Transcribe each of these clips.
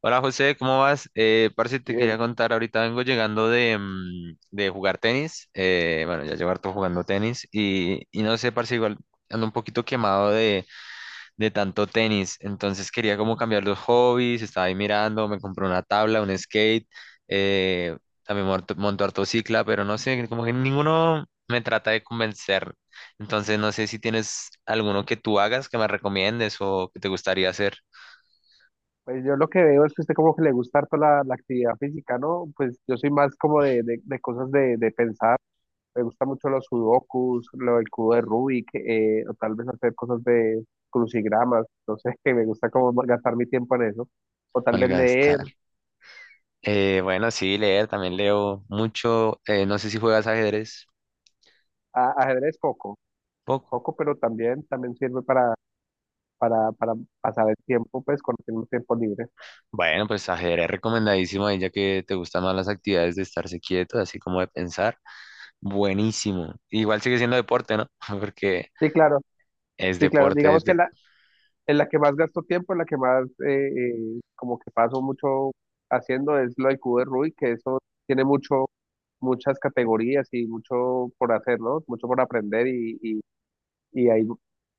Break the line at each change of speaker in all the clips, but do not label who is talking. Hola José, ¿cómo vas? Parce, te quería
Bien,
contar, ahorita vengo llegando de, de jugar tenis, bueno, ya llevo harto jugando tenis y no sé, parce, igual ando un poquito quemado de tanto tenis, entonces quería como cambiar los hobbies, estaba ahí mirando, me compré una tabla, un skate, eh, también monto harto cicla, pero no sé, como que ninguno me trata de convencer, entonces no sé si tienes alguno que tú hagas, que me recomiendes o que te gustaría hacer.
pues yo lo que veo es que a usted como que le gusta harto la actividad física, ¿no? Pues yo soy más como de cosas de pensar, me gusta mucho los sudokus, lo del cubo de Rubik, o tal vez hacer cosas de crucigramas, no sé, que me gusta como gastar mi tiempo en eso, o tal vez
Malgasta.
leer.
Bueno, sí, leer, también leo mucho. No sé si juegas ajedrez,
Ajedrez poco,
poco.
poco, pero también sirve para pasar el tiempo, pues cuando tengo tiempo libre.
Bueno, pues ajedrez recomendadísimo ahí, ya que te gustan más las actividades de estarse quieto, así como de pensar. Buenísimo. Igual sigue siendo deporte, ¿no? Porque
Sí, claro,
es
sí, claro,
deporte.
digamos que en la que más gasto tiempo, en la que más como que paso mucho haciendo es lo del cubo de Rubik, que eso tiene muchas categorías y mucho por hacer, ¿no? Mucho por aprender y hay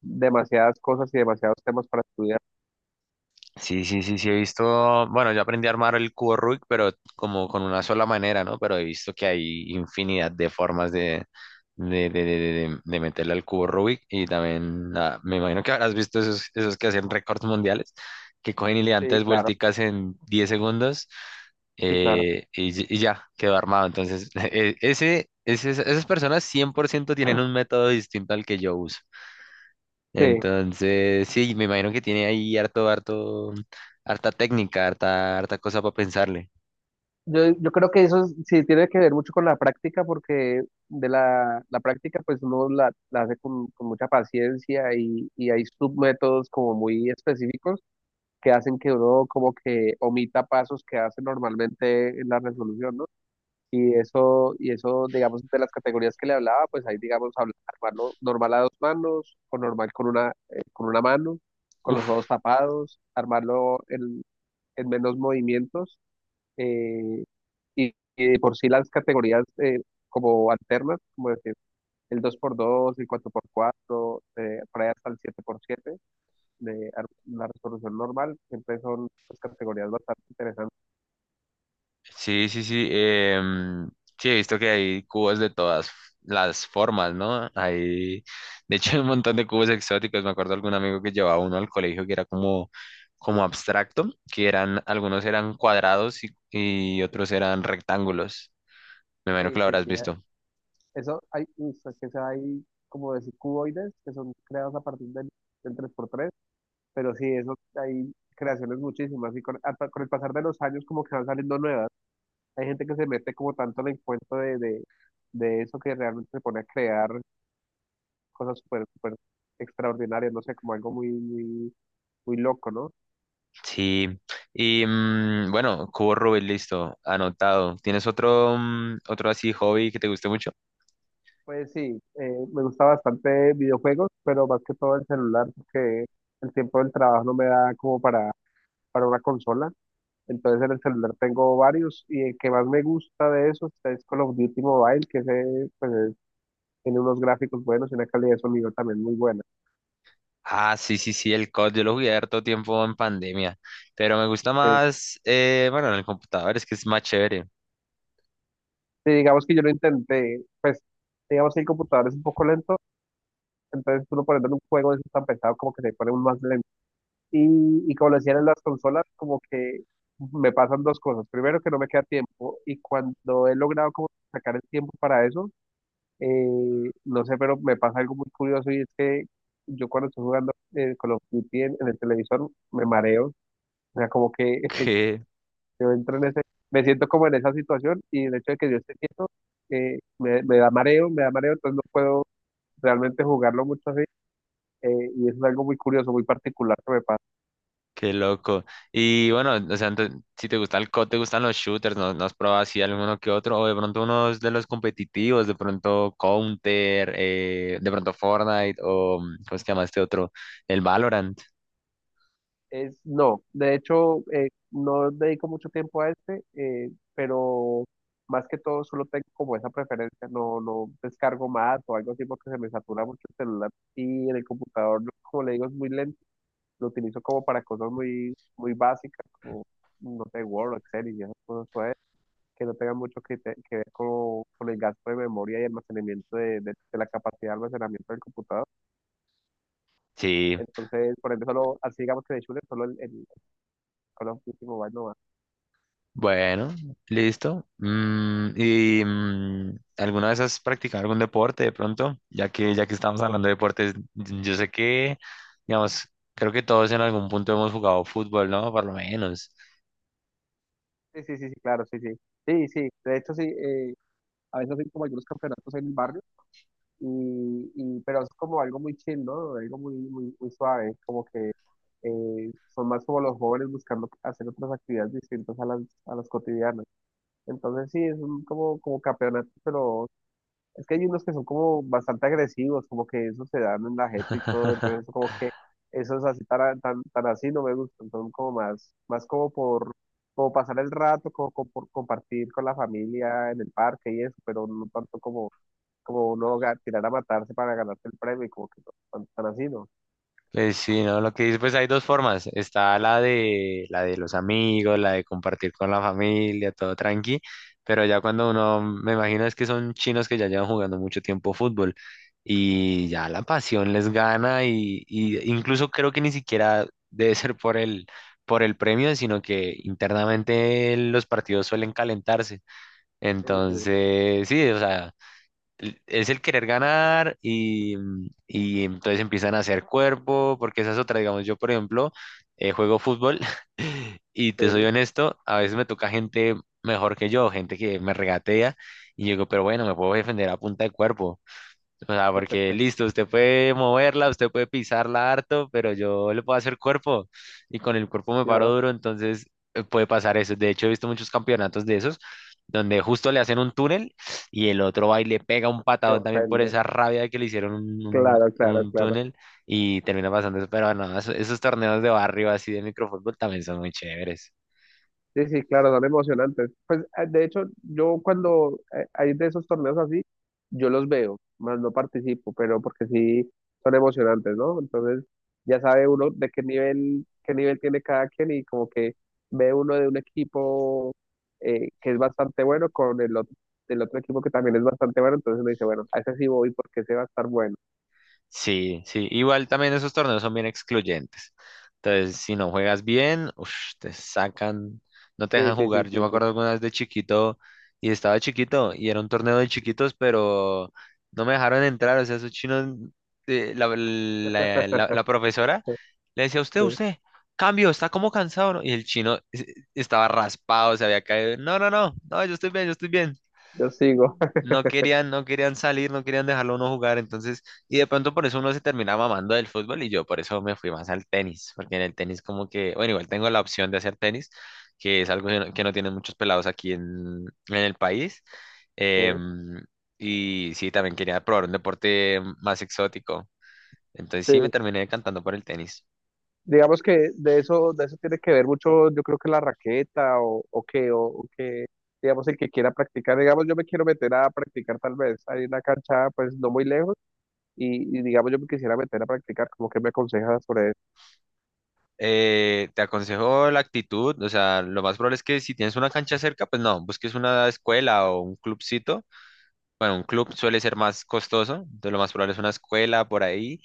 demasiadas cosas y demasiados temas para estudiar.
Sí, sí, sí, sí, he visto, bueno, yo aprendí a armar el cubo Rubik, pero como con una sola manera, ¿no? Pero he visto que hay infinidad de formas de meterle al cubo Rubik y también me imagino que habrás visto esos, que hacen récords mundiales, que cogen y le dan
Sí,
tres
claro,
vuelticas en 10 segundos
sí, claro.
y ya, quedó armado. Entonces, esas personas 100% tienen un método distinto al que yo uso.
Sí.
Entonces, sí, me imagino que tiene ahí harto, harto, harta técnica, harta, harta cosa para pensarle.
Yo creo que sí tiene que ver mucho con la práctica, porque de la práctica pues uno la hace con mucha paciencia y hay submétodos como muy específicos que hacen que uno como que omita pasos que hace normalmente en la resolución, ¿no? Y eso, digamos, de las categorías que le hablaba, pues ahí, digamos, armarlo normal a dos manos, o normal con con una mano, con los
Uf,
ojos tapados, armarlo en menos movimientos, eh, y de por sí las categorías como alternas, como decir, el dos por dos, el cuatro por cuatro, por ahí hasta el siete por siete la resolución normal, siempre son pues, categorías bastante interesantes.
sí, sí, sí. Sí, he visto que hay cubos de todas las formas, ¿no? Hay, de hecho, hay un montón de cubos exóticos. Me acuerdo de algún amigo que llevaba uno al colegio que era como abstracto, que eran, algunos eran cuadrados y otros eran rectángulos. Me imagino que
Sí,
lo
sí,
habrás
sí.
visto.
Eso hay, uy, es que se hay como decir cuboides que son creados a partir del 3x3, pero sí, eso hay creaciones muchísimas y hasta con el pasar de los años como que van saliendo nuevas. Hay gente que se mete como tanto en el cuento de eso que realmente se pone a crear cosas súper, súper extraordinarias, no sé, como algo muy, muy, muy loco, ¿no?
Sí, y bueno, cubo Rubik, listo, anotado. ¿Tienes otro así hobby que te guste mucho?
Pues sí, me gusta bastante videojuegos, pero más que todo el celular, porque el tiempo del trabajo no me da como para una consola. Entonces en el celular tengo varios y el que más me gusta de esos es Call of Duty Mobile, que ese, pues, tiene unos gráficos buenos y una calidad de sonido también muy buena.
Ah, sí, sí, sí, el COD, yo lo jugué harto tiempo en pandemia, pero me gusta
Sí.
más, bueno, en el computador, es que es más chévere.
Sí, digamos que yo lo intenté, pues digamos que el computador es un poco lento, entonces tú lo pones en un juego de esos tan pesado como que se pone un más lento. Y, y como lo decían en las consolas, como que me pasan dos cosas. Primero, que no me queda tiempo. Y cuando he logrado como sacar el tiempo para eso, no sé, pero me pasa algo muy curioso y es que yo cuando estoy jugando Call of Duty en el televisor me mareo. O sea, como que
Qué,
yo entro en ese, me siento como en esa situación y el hecho de que yo esté quieto me da mareo, me da mareo, entonces no puedo realmente jugarlo mucho así. Y eso es algo muy curioso, muy particular que me pasa.
qué loco. Y bueno, o sea, si te gusta el COD, te gustan los shooters, ¿no, no has probado así alguno que otro? O de pronto unos de los competitivos, de pronto Counter, de pronto Fortnite, o ¿cómo se llama este otro? El Valorant.
No, de hecho, no dedico mucho tiempo a este, pero más que todo solo tengo como esa preferencia, no, no descargo más o algo así porque se me satura mucho el celular y en el computador, como le digo, es muy lento, lo utilizo como para cosas muy, muy básicas, como, no sé, Word, Excel y esas cosas pues, que no tengan mucho que ver con el gasto de memoria y almacenamiento de la capacidad de almacenamiento del computador.
Sí.
Entonces, por ejemplo, solo, así digamos que de Shure, solo el Call of Duty Mobile no va.
Bueno, listo. ¿Y alguna vez has practicado algún deporte de pronto? Ya que estamos hablando de deportes, yo sé que, digamos, creo que todos en algún punto hemos jugado fútbol, ¿no? Por lo menos.
Sí, sí, sí, sí, claro, sí, sí. Sí, sí, de hecho sí, a veces hacen como algunos campeonatos en el barrio, pero es como algo muy chill, ¿no? Algo muy, muy, muy suave, como que son más como los jóvenes buscando hacer otras actividades distintas a las cotidianas. Entonces sí, es un como, como campeonato, pero es que hay unos que son como bastante agresivos, como que eso se dan en la jeta y todo, entonces como que esos así tan, tan, tan así no me gustan, son como más como por como pasar el rato, como, como por compartir con la familia en el parque y eso, pero no tanto como, como uno tirar a matarse para ganarse el premio y como que no, tan, tan así no.
Pues sí, ¿no? Lo que dices, pues hay dos formas. Está la de los amigos, la de compartir con la familia, todo tranqui. Pero ya cuando uno, me imagino es que son chinos que ya llevan jugando mucho tiempo fútbol y ya la pasión les gana y incluso creo que ni siquiera debe ser por por el premio, sino que internamente los partidos suelen calentarse.
Sí, sí,
Entonces, sí, o sea es el querer ganar y, y entonces empiezan a hacer cuerpo, porque esa es otra, digamos, yo por ejemplo juego fútbol y te soy
sí,
honesto, a veces me toca gente mejor que yo, gente que me regatea y yo digo, pero bueno, me puedo defender a punta de cuerpo. O sea, porque listo, usted puede moverla, usted puede pisarla harto, pero yo le puedo hacer cuerpo y con el cuerpo me paro
claro,
duro, entonces puede pasar eso. De hecho, he visto muchos campeonatos de esos donde justo le hacen un túnel y el otro va y le pega un
se
patadón también por
ofende.
esa rabia de que le hicieron
Claro, claro,
un
claro.
túnel y termina pasando eso. Pero no, esos torneos de barrio así de microfútbol también son muy chéveres.
Sí, sí, claro, son emocionantes. Pues de hecho, yo cuando hay de esos torneos así, yo los veo, más no participo, pero porque sí son emocionantes, ¿no? Entonces ya sabe uno de qué nivel tiene cada quien y como que ve uno de un equipo que es bastante bueno con el otro, del otro equipo que también es bastante bueno, entonces uno dice, bueno, a ese sí voy porque ese va a estar bueno.
Sí, sí, igual también esos torneos son bien excluyentes. Entonces, si no juegas bien, ush, te sacan, no te
Sí,
dejan
sí, sí,
jugar.
sí,
Yo me
sí.
acuerdo alguna vez de chiquito y estaba chiquito y era un torneo de chiquitos, pero no me dejaron entrar. O sea, esos chinos, la profesora le decía, usted,
Sí,
usted, cambio, está como cansado, ¿no?". Y el chino estaba raspado, se había caído. No, no, no, no, yo estoy bien, yo estoy bien,
yo sigo.
no querían, no querían salir, no querían dejarlo a uno jugar, entonces, y de pronto por eso uno se terminaba mamando del fútbol y yo por eso me fui más al tenis, porque en el tenis como que, bueno, igual tengo la opción de hacer tenis, que es algo que no tienen muchos pelados aquí en el país.
Sí,
em, y sí, también quería probar un deporte más exótico, entonces sí me
sí.
terminé decantando por el tenis.
Digamos que de eso tiene que ver mucho, yo creo que la raqueta o que, digamos, el que quiera practicar, digamos, yo me quiero meter a practicar tal vez, hay una cancha pues no muy lejos digamos, yo me quisiera meter a practicar, como que me aconsejas sobre eso,
Te aconsejo la actitud, o sea, lo más probable es que si tienes una cancha cerca, pues no, busques una escuela o un clubcito. Bueno, un club suele ser más costoso, entonces lo más probable es una escuela por ahí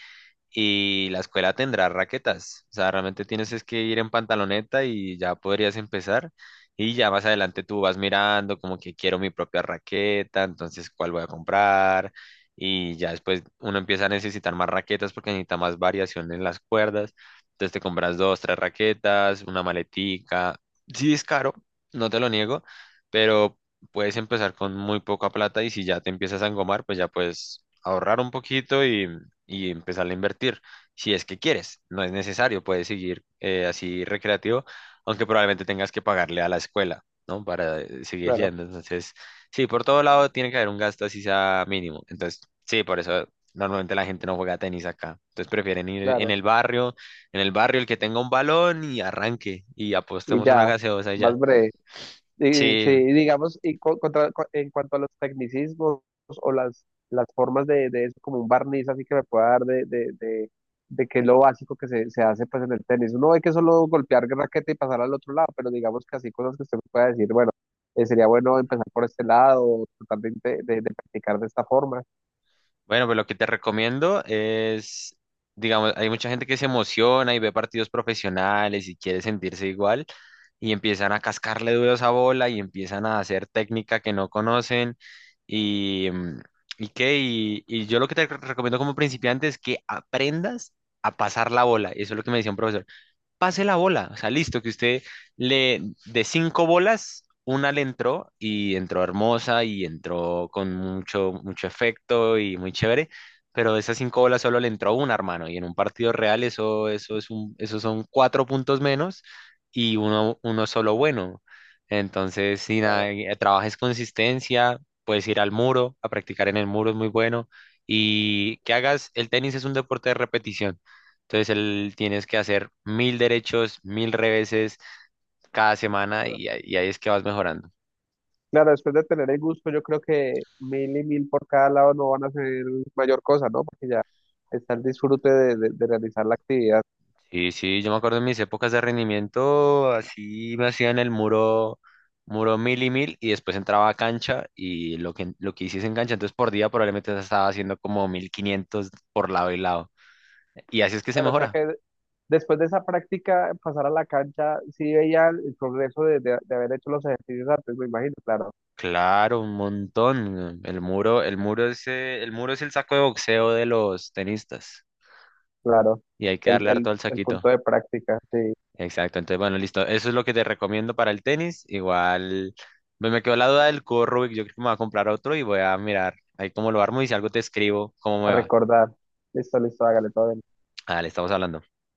y la escuela tendrá raquetas. O sea, realmente tienes es que ir en pantaloneta y ya podrías empezar. Y ya más adelante tú vas mirando como que quiero mi propia raqueta, entonces cuál voy a comprar. Y ya después uno empieza a necesitar más raquetas porque necesita más variación en las cuerdas. Entonces te compras dos, tres raquetas, una maletica. Sí es caro, no te lo niego, pero puedes empezar con muy poca plata y si ya te empiezas a engomar, pues ya puedes ahorrar un poquito y empezar a invertir. Si es que quieres, no es necesario, puedes seguir así recreativo, aunque probablemente tengas que pagarle a la escuela, ¿no? Para seguir
claro,
yendo. Entonces, sí, por todo lado tiene que haber un gasto así sea mínimo. Entonces, sí, por eso normalmente la gente no juega tenis acá. Entonces prefieren ir
claro,
en el barrio el que tenga un balón y arranque y
y
apostemos una
ya,
gaseosa y ya.
más breve. Eh,
Sí,
sí, digamos, en cuanto a los tecnicismos o las formas de eso, como un barniz así que me pueda dar de que es lo básico que se hace pues en el tenis. Uno ve que es solo golpear raqueta y pasar al otro lado, pero digamos que así cosas que usted me pueda decir, bueno, sería bueno empezar por este lado, o tratar de practicar de esta forma.
bueno, pues lo que te recomiendo es, digamos, hay mucha gente que se emociona y ve partidos profesionales y quiere sentirse igual y empiezan a cascarle duro a esa bola y empiezan a hacer técnica que no conocen y, y yo lo que te recomiendo como principiante es que aprendas a pasar la bola. Eso es lo que me decía un profesor, pase la bola. O sea, listo, que usted le de cinco bolas, una le entró y entró hermosa y entró con mucho, mucho efecto y muy chévere, pero de esas cinco bolas solo le entró una, hermano. Y en un partido real eso, eso es un, eso son cuatro puntos menos y uno, uno solo bueno. Entonces, si nada,
Claro.
trabajes consistencia, puedes ir al muro, a practicar en el muro es muy bueno. Y que hagas, el tenis es un deporte de repetición. Entonces él tienes que hacer 1000 derechos, 1000 reveses cada semana y ahí es que vas mejorando.
Claro, después de tener el gusto, yo creo que mil y mil por cada lado no van a ser mayor cosa, ¿no? Porque ya está el disfrute de realizar la actividad.
Y sí, yo me acuerdo en mis épocas de rendimiento, así me hacían el muro, mil y mil y después entraba a cancha y lo que hiciese en cancha, entonces por día probablemente estaba haciendo como 1500 por lado y lado. Y así es que se
Claro, o sea
mejora.
que después de esa práctica, pasar a la cancha, sí veía el progreso de haber hecho los ejercicios antes, me imagino, claro,
Claro, un montón. El muro es, el muro es el saco de boxeo de los tenistas
claro.
y hay que
El,
darle
el,
harto al
el
saquito.
punto de práctica, sí,
Exacto, entonces bueno, listo. Eso es lo que te recomiendo para el tenis. Igual me quedó la duda del cubo Rubik. Yo creo que me voy a comprar otro y voy a mirar ahí cómo lo armo y si algo te escribo, cómo
a
me va.
recordar. Listo, listo, hágale todo bien.
Dale, estamos hablando.